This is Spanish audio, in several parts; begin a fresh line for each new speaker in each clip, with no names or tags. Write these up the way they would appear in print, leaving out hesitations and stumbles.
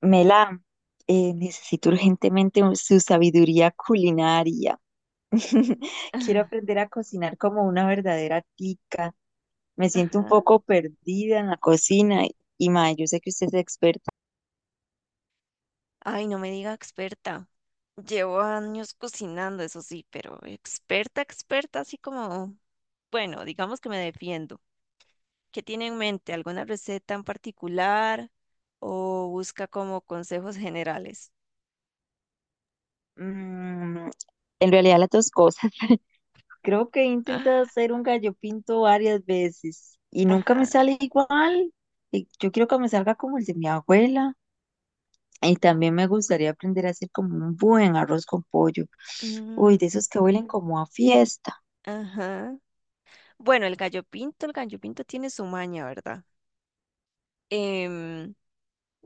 Mela, necesito urgentemente su sabiduría culinaria. Quiero
Ah,
aprender a cocinar como una verdadera tica. Me siento un
ajá.
poco perdida en la cocina y, mae, yo sé que usted es experta.
Ay, no me diga experta. Llevo años cocinando, eso sí, pero experta, experta, así como, bueno, digamos que me defiendo. ¿Qué tiene en mente? ¿Alguna receta en particular o busca como consejos generales?
Mm, en realidad las dos cosas. Creo que he intentado
Ah,
hacer un gallo pinto varias veces y nunca me
ajá.
sale igual. Y yo quiero que me salga como el de mi abuela. Y también me gustaría aprender a hacer como un buen arroz con pollo. Uy,
Mm,
de esos que huelen como a fiesta.
ajá. Bueno, el gallo pinto tiene su maña, ¿verdad? Em,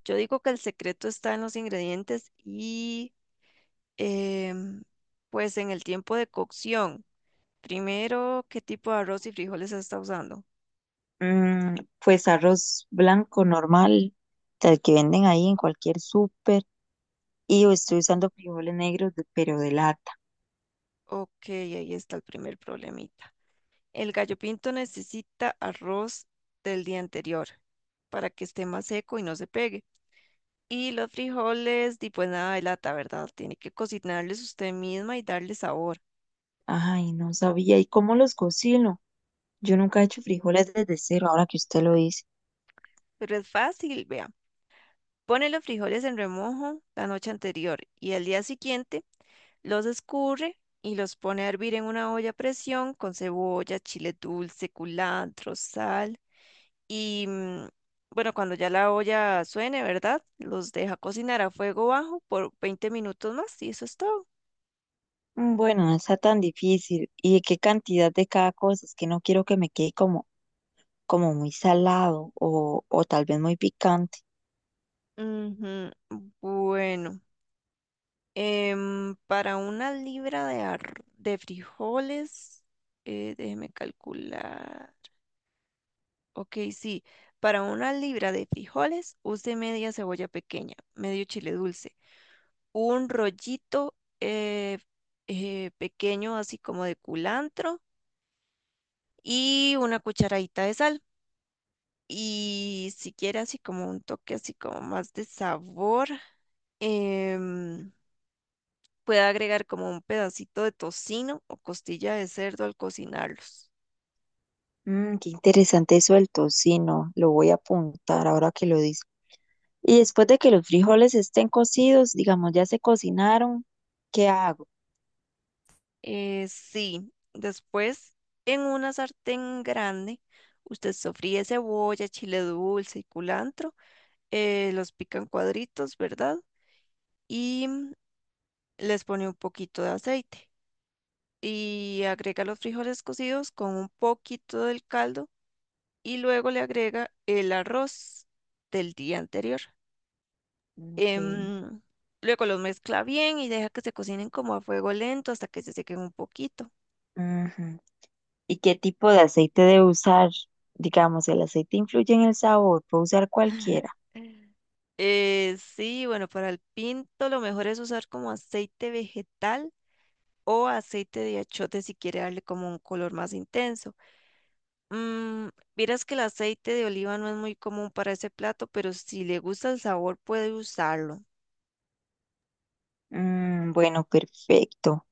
yo digo que el secreto está en los ingredientes y em, pues en el tiempo de cocción. Primero, ¿qué tipo de arroz y frijoles está usando?
Mm, pues arroz blanco normal, el que venden ahí en cualquier súper. Y yo estoy usando frijoles negros, pero de lata.
Ok, ahí está el primer problemita. El gallo pinto necesita arroz del día anterior para que esté más seco y no se pegue. Y los frijoles, di, pues nada de lata, ¿verdad? Tiene que cocinarles usted misma y darle sabor.
Ay, no sabía. ¿Y cómo los cocino? Yo nunca he hecho frijoles desde cero, ahora que usted lo dice.
Pero es fácil, vea. Pone los frijoles en remojo la noche anterior y al día siguiente los escurre y los pone a hervir en una olla a presión con cebolla, chile dulce, culantro, sal. Y bueno, cuando ya la olla suene, ¿verdad? Los deja cocinar a fuego bajo por 20 minutos más y eso es todo.
Mm, bueno, no está tan difícil. ¿Y de qué cantidad de cada cosa? Es que no quiero que me quede como, como muy salado o tal vez muy picante.
Ujú. Bueno, para una libra de, ar- de frijoles, déjeme calcular. Ok, sí, para una libra de frijoles use media cebolla pequeña, medio chile dulce. Un rollito eh, pequeño, así como de culantro, y una cucharadita de sal. Y si quiere así como un toque así como más de sabor, em, puede agregar como un pedacito de tocino o costilla de cerdo al cocinarlos.
Mm, qué interesante eso del tocino, lo voy a apuntar ahora que lo dice. Y después de que los frijoles estén cocidos, digamos, ya se cocinaron, ¿qué hago?
Sí, después en una sartén grande, usted sofríe cebolla, chile dulce y culantro, los pican cuadritos, ¿verdad? Y les pone un poquito de aceite y agrega los frijoles cocidos con un poquito del caldo y luego le agrega el arroz del día anterior.
Okay.
Em, Luego los mezcla bien y deja que se cocinen como a fuego lento hasta que se sequen un poquito.
Ujú. ¿Y qué tipo de aceite debo usar? Digamos, el aceite influye en el sabor, ¿puedo usar cualquiera?
Sí, bueno, para el pinto lo mejor es usar como aceite vegetal o aceite de achiote si quiere darle como un color más intenso. Mm, vieras que el aceite de oliva no es muy común para ese plato, pero si le gusta el sabor puede usarlo.
Mm, bueno, perfecto.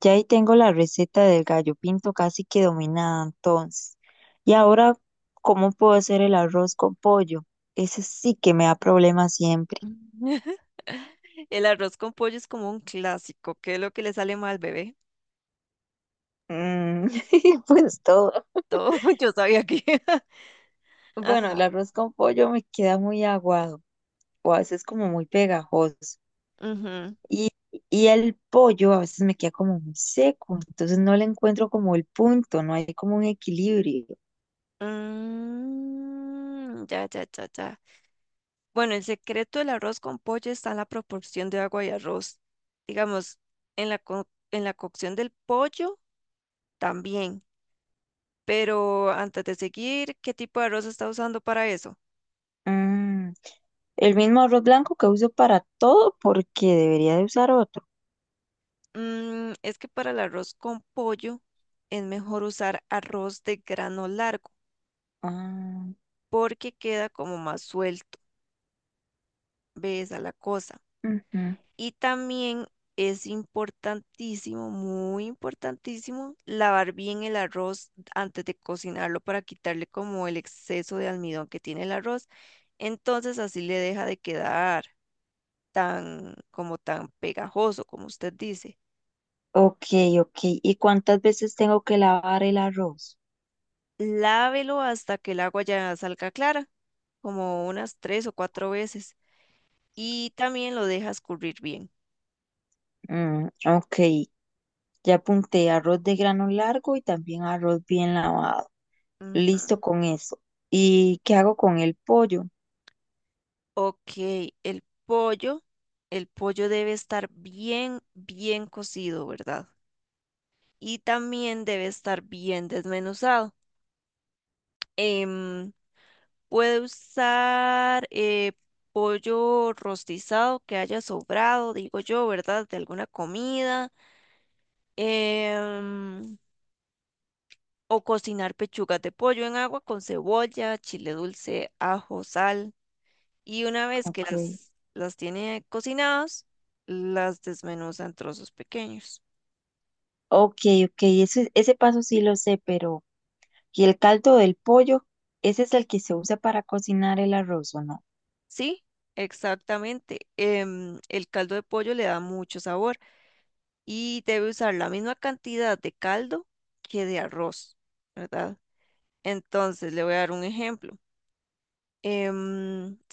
Ya ahí tengo la receta del gallo pinto casi que dominada entonces. Y ahora, ¿cómo puedo hacer el arroz con pollo? Ese sí que me da problemas siempre.
El arroz con pollo es como un clásico. ¿Qué es lo que le sale mal, bebé?
Mm, pues todo.
Todo. Yo sabía que.
Bueno, el
Ajá.
arroz con pollo me queda muy aguado o a veces como muy pegajoso.
Ujú.
Y, y el pollo a veces me queda como muy seco, entonces no le encuentro como el punto, no hay como un equilibrio.
Mm, ya, ya, ya, ya. Bueno, el secreto del arroz con pollo está en la proporción de agua y arroz. Digamos, en la, co- en la cocción del pollo también. Pero antes de seguir, ¿qué tipo de arroz está usando para eso?
Mm, el mismo arroz blanco que uso para todo, ¿porque debería de usar otro?
Mm, es que para el arroz con pollo es mejor usar arroz de grano largo
Ah,
porque queda como más suelto, ves a la cosa.
ujú.
Y también es importantísimo, muy importantísimo, lavar bien el arroz antes de cocinarlo para quitarle como el exceso de almidón que tiene el arroz. Entonces así le deja de quedar tan como tan pegajoso como usted dice.
Ok, ok. ¿Y cuántas veces tengo que lavar el arroz?
Lávelo hasta que el agua ya salga clara, como unas tres o cuatro veces, y también lo dejas currir bien.
Mm, ok. Ya apunté arroz de grano largo y también arroz bien lavado.
Ujú.
Listo con eso. ¿Y qué hago con el pollo?
Ok, el pollo, el pollo debe estar bien, bien cocido, ¿verdad? Y también debe estar bien desmenuzado. Em, Puede usar pollo rostizado que haya sobrado, digo yo, ¿verdad? De alguna comida. em, o cocinar pechugas de pollo en agua con cebolla, chile dulce, ajo, sal. Y una vez que
Ok,
las tiene cocinadas, las desmenuza en trozos pequeños.
ok, ok. Ese paso sí lo sé, pero ¿y el caldo del pollo? ¿Ese es el que se usa para cocinar el arroz o no?
Sí, exactamente. El caldo de pollo le da mucho sabor y debe usar la misma cantidad de caldo que de arroz, ¿verdad? Entonces, le voy a dar un ejemplo.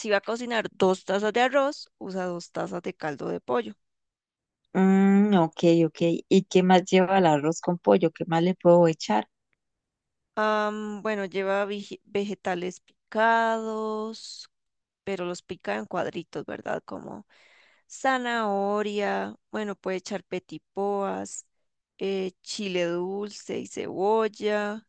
Si va a cocinar dos tazas de arroz, usa dos tazas de caldo de pollo.
Mm, ok, ok. ¿Y qué más lleva el arroz con pollo? ¿Qué más le puedo echar?
Am, bueno, lleva vegetales picados, pero los pica en cuadritos, ¿verdad? Como zanahoria, bueno, puede echar petipoas, chile dulce y cebolla.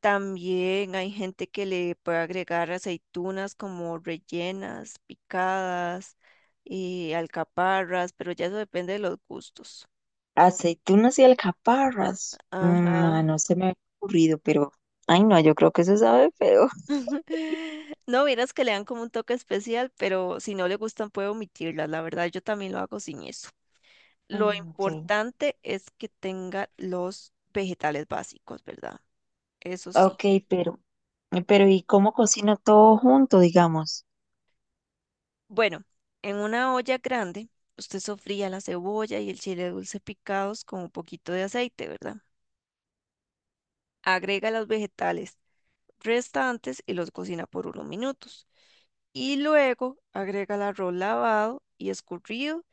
También hay gente que le puede agregar aceitunas como rellenas, picadas y alcaparras, pero ya eso depende de los gustos.
Aceitunas y alcaparras. Mm,
Ajá.
ah, no se me ha ocurrido, pero... Ay, no, yo creo que eso sabe feo.
No, vieras que le dan como un toque especial, pero si no le gustan puede omitirlas. La verdad, yo también lo hago sin eso. Lo
Mm, ok,
importante es que tenga los vegetales básicos, ¿verdad? Eso sí.
ok, pero... pero ¿y cómo cocino todo junto, digamos?
Bueno, en una olla grande, usted sofría la cebolla y el chile dulce picados con un poquito de aceite, ¿verdad? Agrega los vegetales restantes y los cocina por unos minutos. Y luego agrega el arroz lavado y escurrido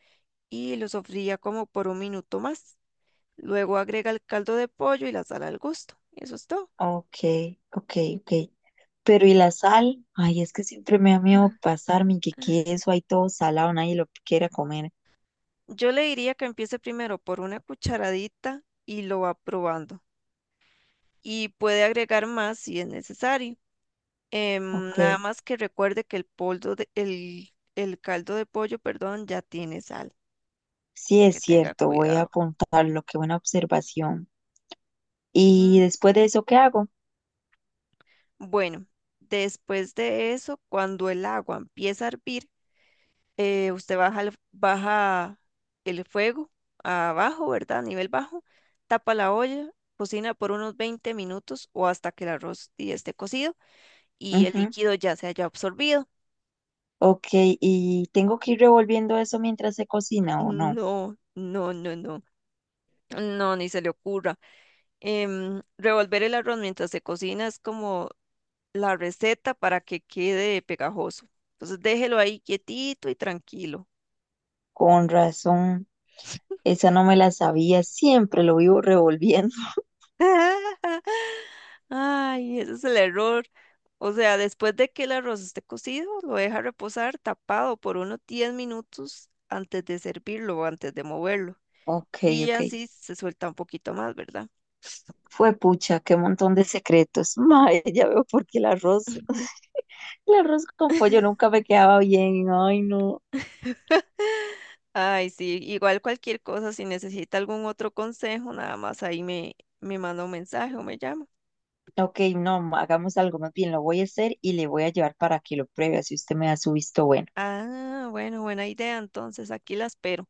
y lo sofría como por un minuto más. Luego agrega el caldo de pollo y la sal al gusto. Eso es todo.
Ok, ok, ok. Pero ¿y la sal? Ay, es que siempre me da miedo pasarme que eso hay todo salado, nadie lo quiera comer.
Yo le diría que empiece primero por una cucharadita y lo va probando. Y puede agregar más si es necesario.
Ok,
Nada más que recuerde que el caldo de pollo, perdón, ya tiene sal.
sí es
Que tenga
cierto, voy a
cuidado.
apuntarlo, qué buena observación. ¿Y
Mm.
después de eso qué hago?
Bueno, después de eso, cuando el agua empieza a hervir, usted baja el fuego abajo, ¿verdad? A nivel bajo, tapa la olla, cocina por unos 20 minutos o hasta que el arroz y esté cocido y el
Ujú,
líquido ya se haya absorbido.
ok, ¿y tengo que ir revolviendo eso mientras se cocina o no?
No, no, no, no. No, ni se le ocurra. Revolver el arroz mientras se cocina es como la receta para que quede pegajoso. Entonces déjelo ahí quietito y tranquilo.
Con razón, esa no me la sabía, siempre lo vivo revolviendo.
Ay, ese es el error. O sea, después de que el arroz esté cocido, lo deja reposar tapado por unos 10 minutos antes de servirlo o antes de moverlo.
Ok,
Y
ok.
así se suelta un poquito más, ¿verdad?
Fue pucha, qué montón de secretos. Mae, ya veo por qué el arroz, el arroz con pollo nunca me quedaba bien. Ay, no.
Ay, sí, igual cualquier cosa, si necesita algún otro consejo, nada más ahí me manda un mensaje o me llama.
Ok, no, ma, hagamos algo más bien. Lo voy a hacer y le voy a llevar para que lo pruebe, así usted me da su visto bueno.
Ah, bueno, buena idea, entonces aquí la espero.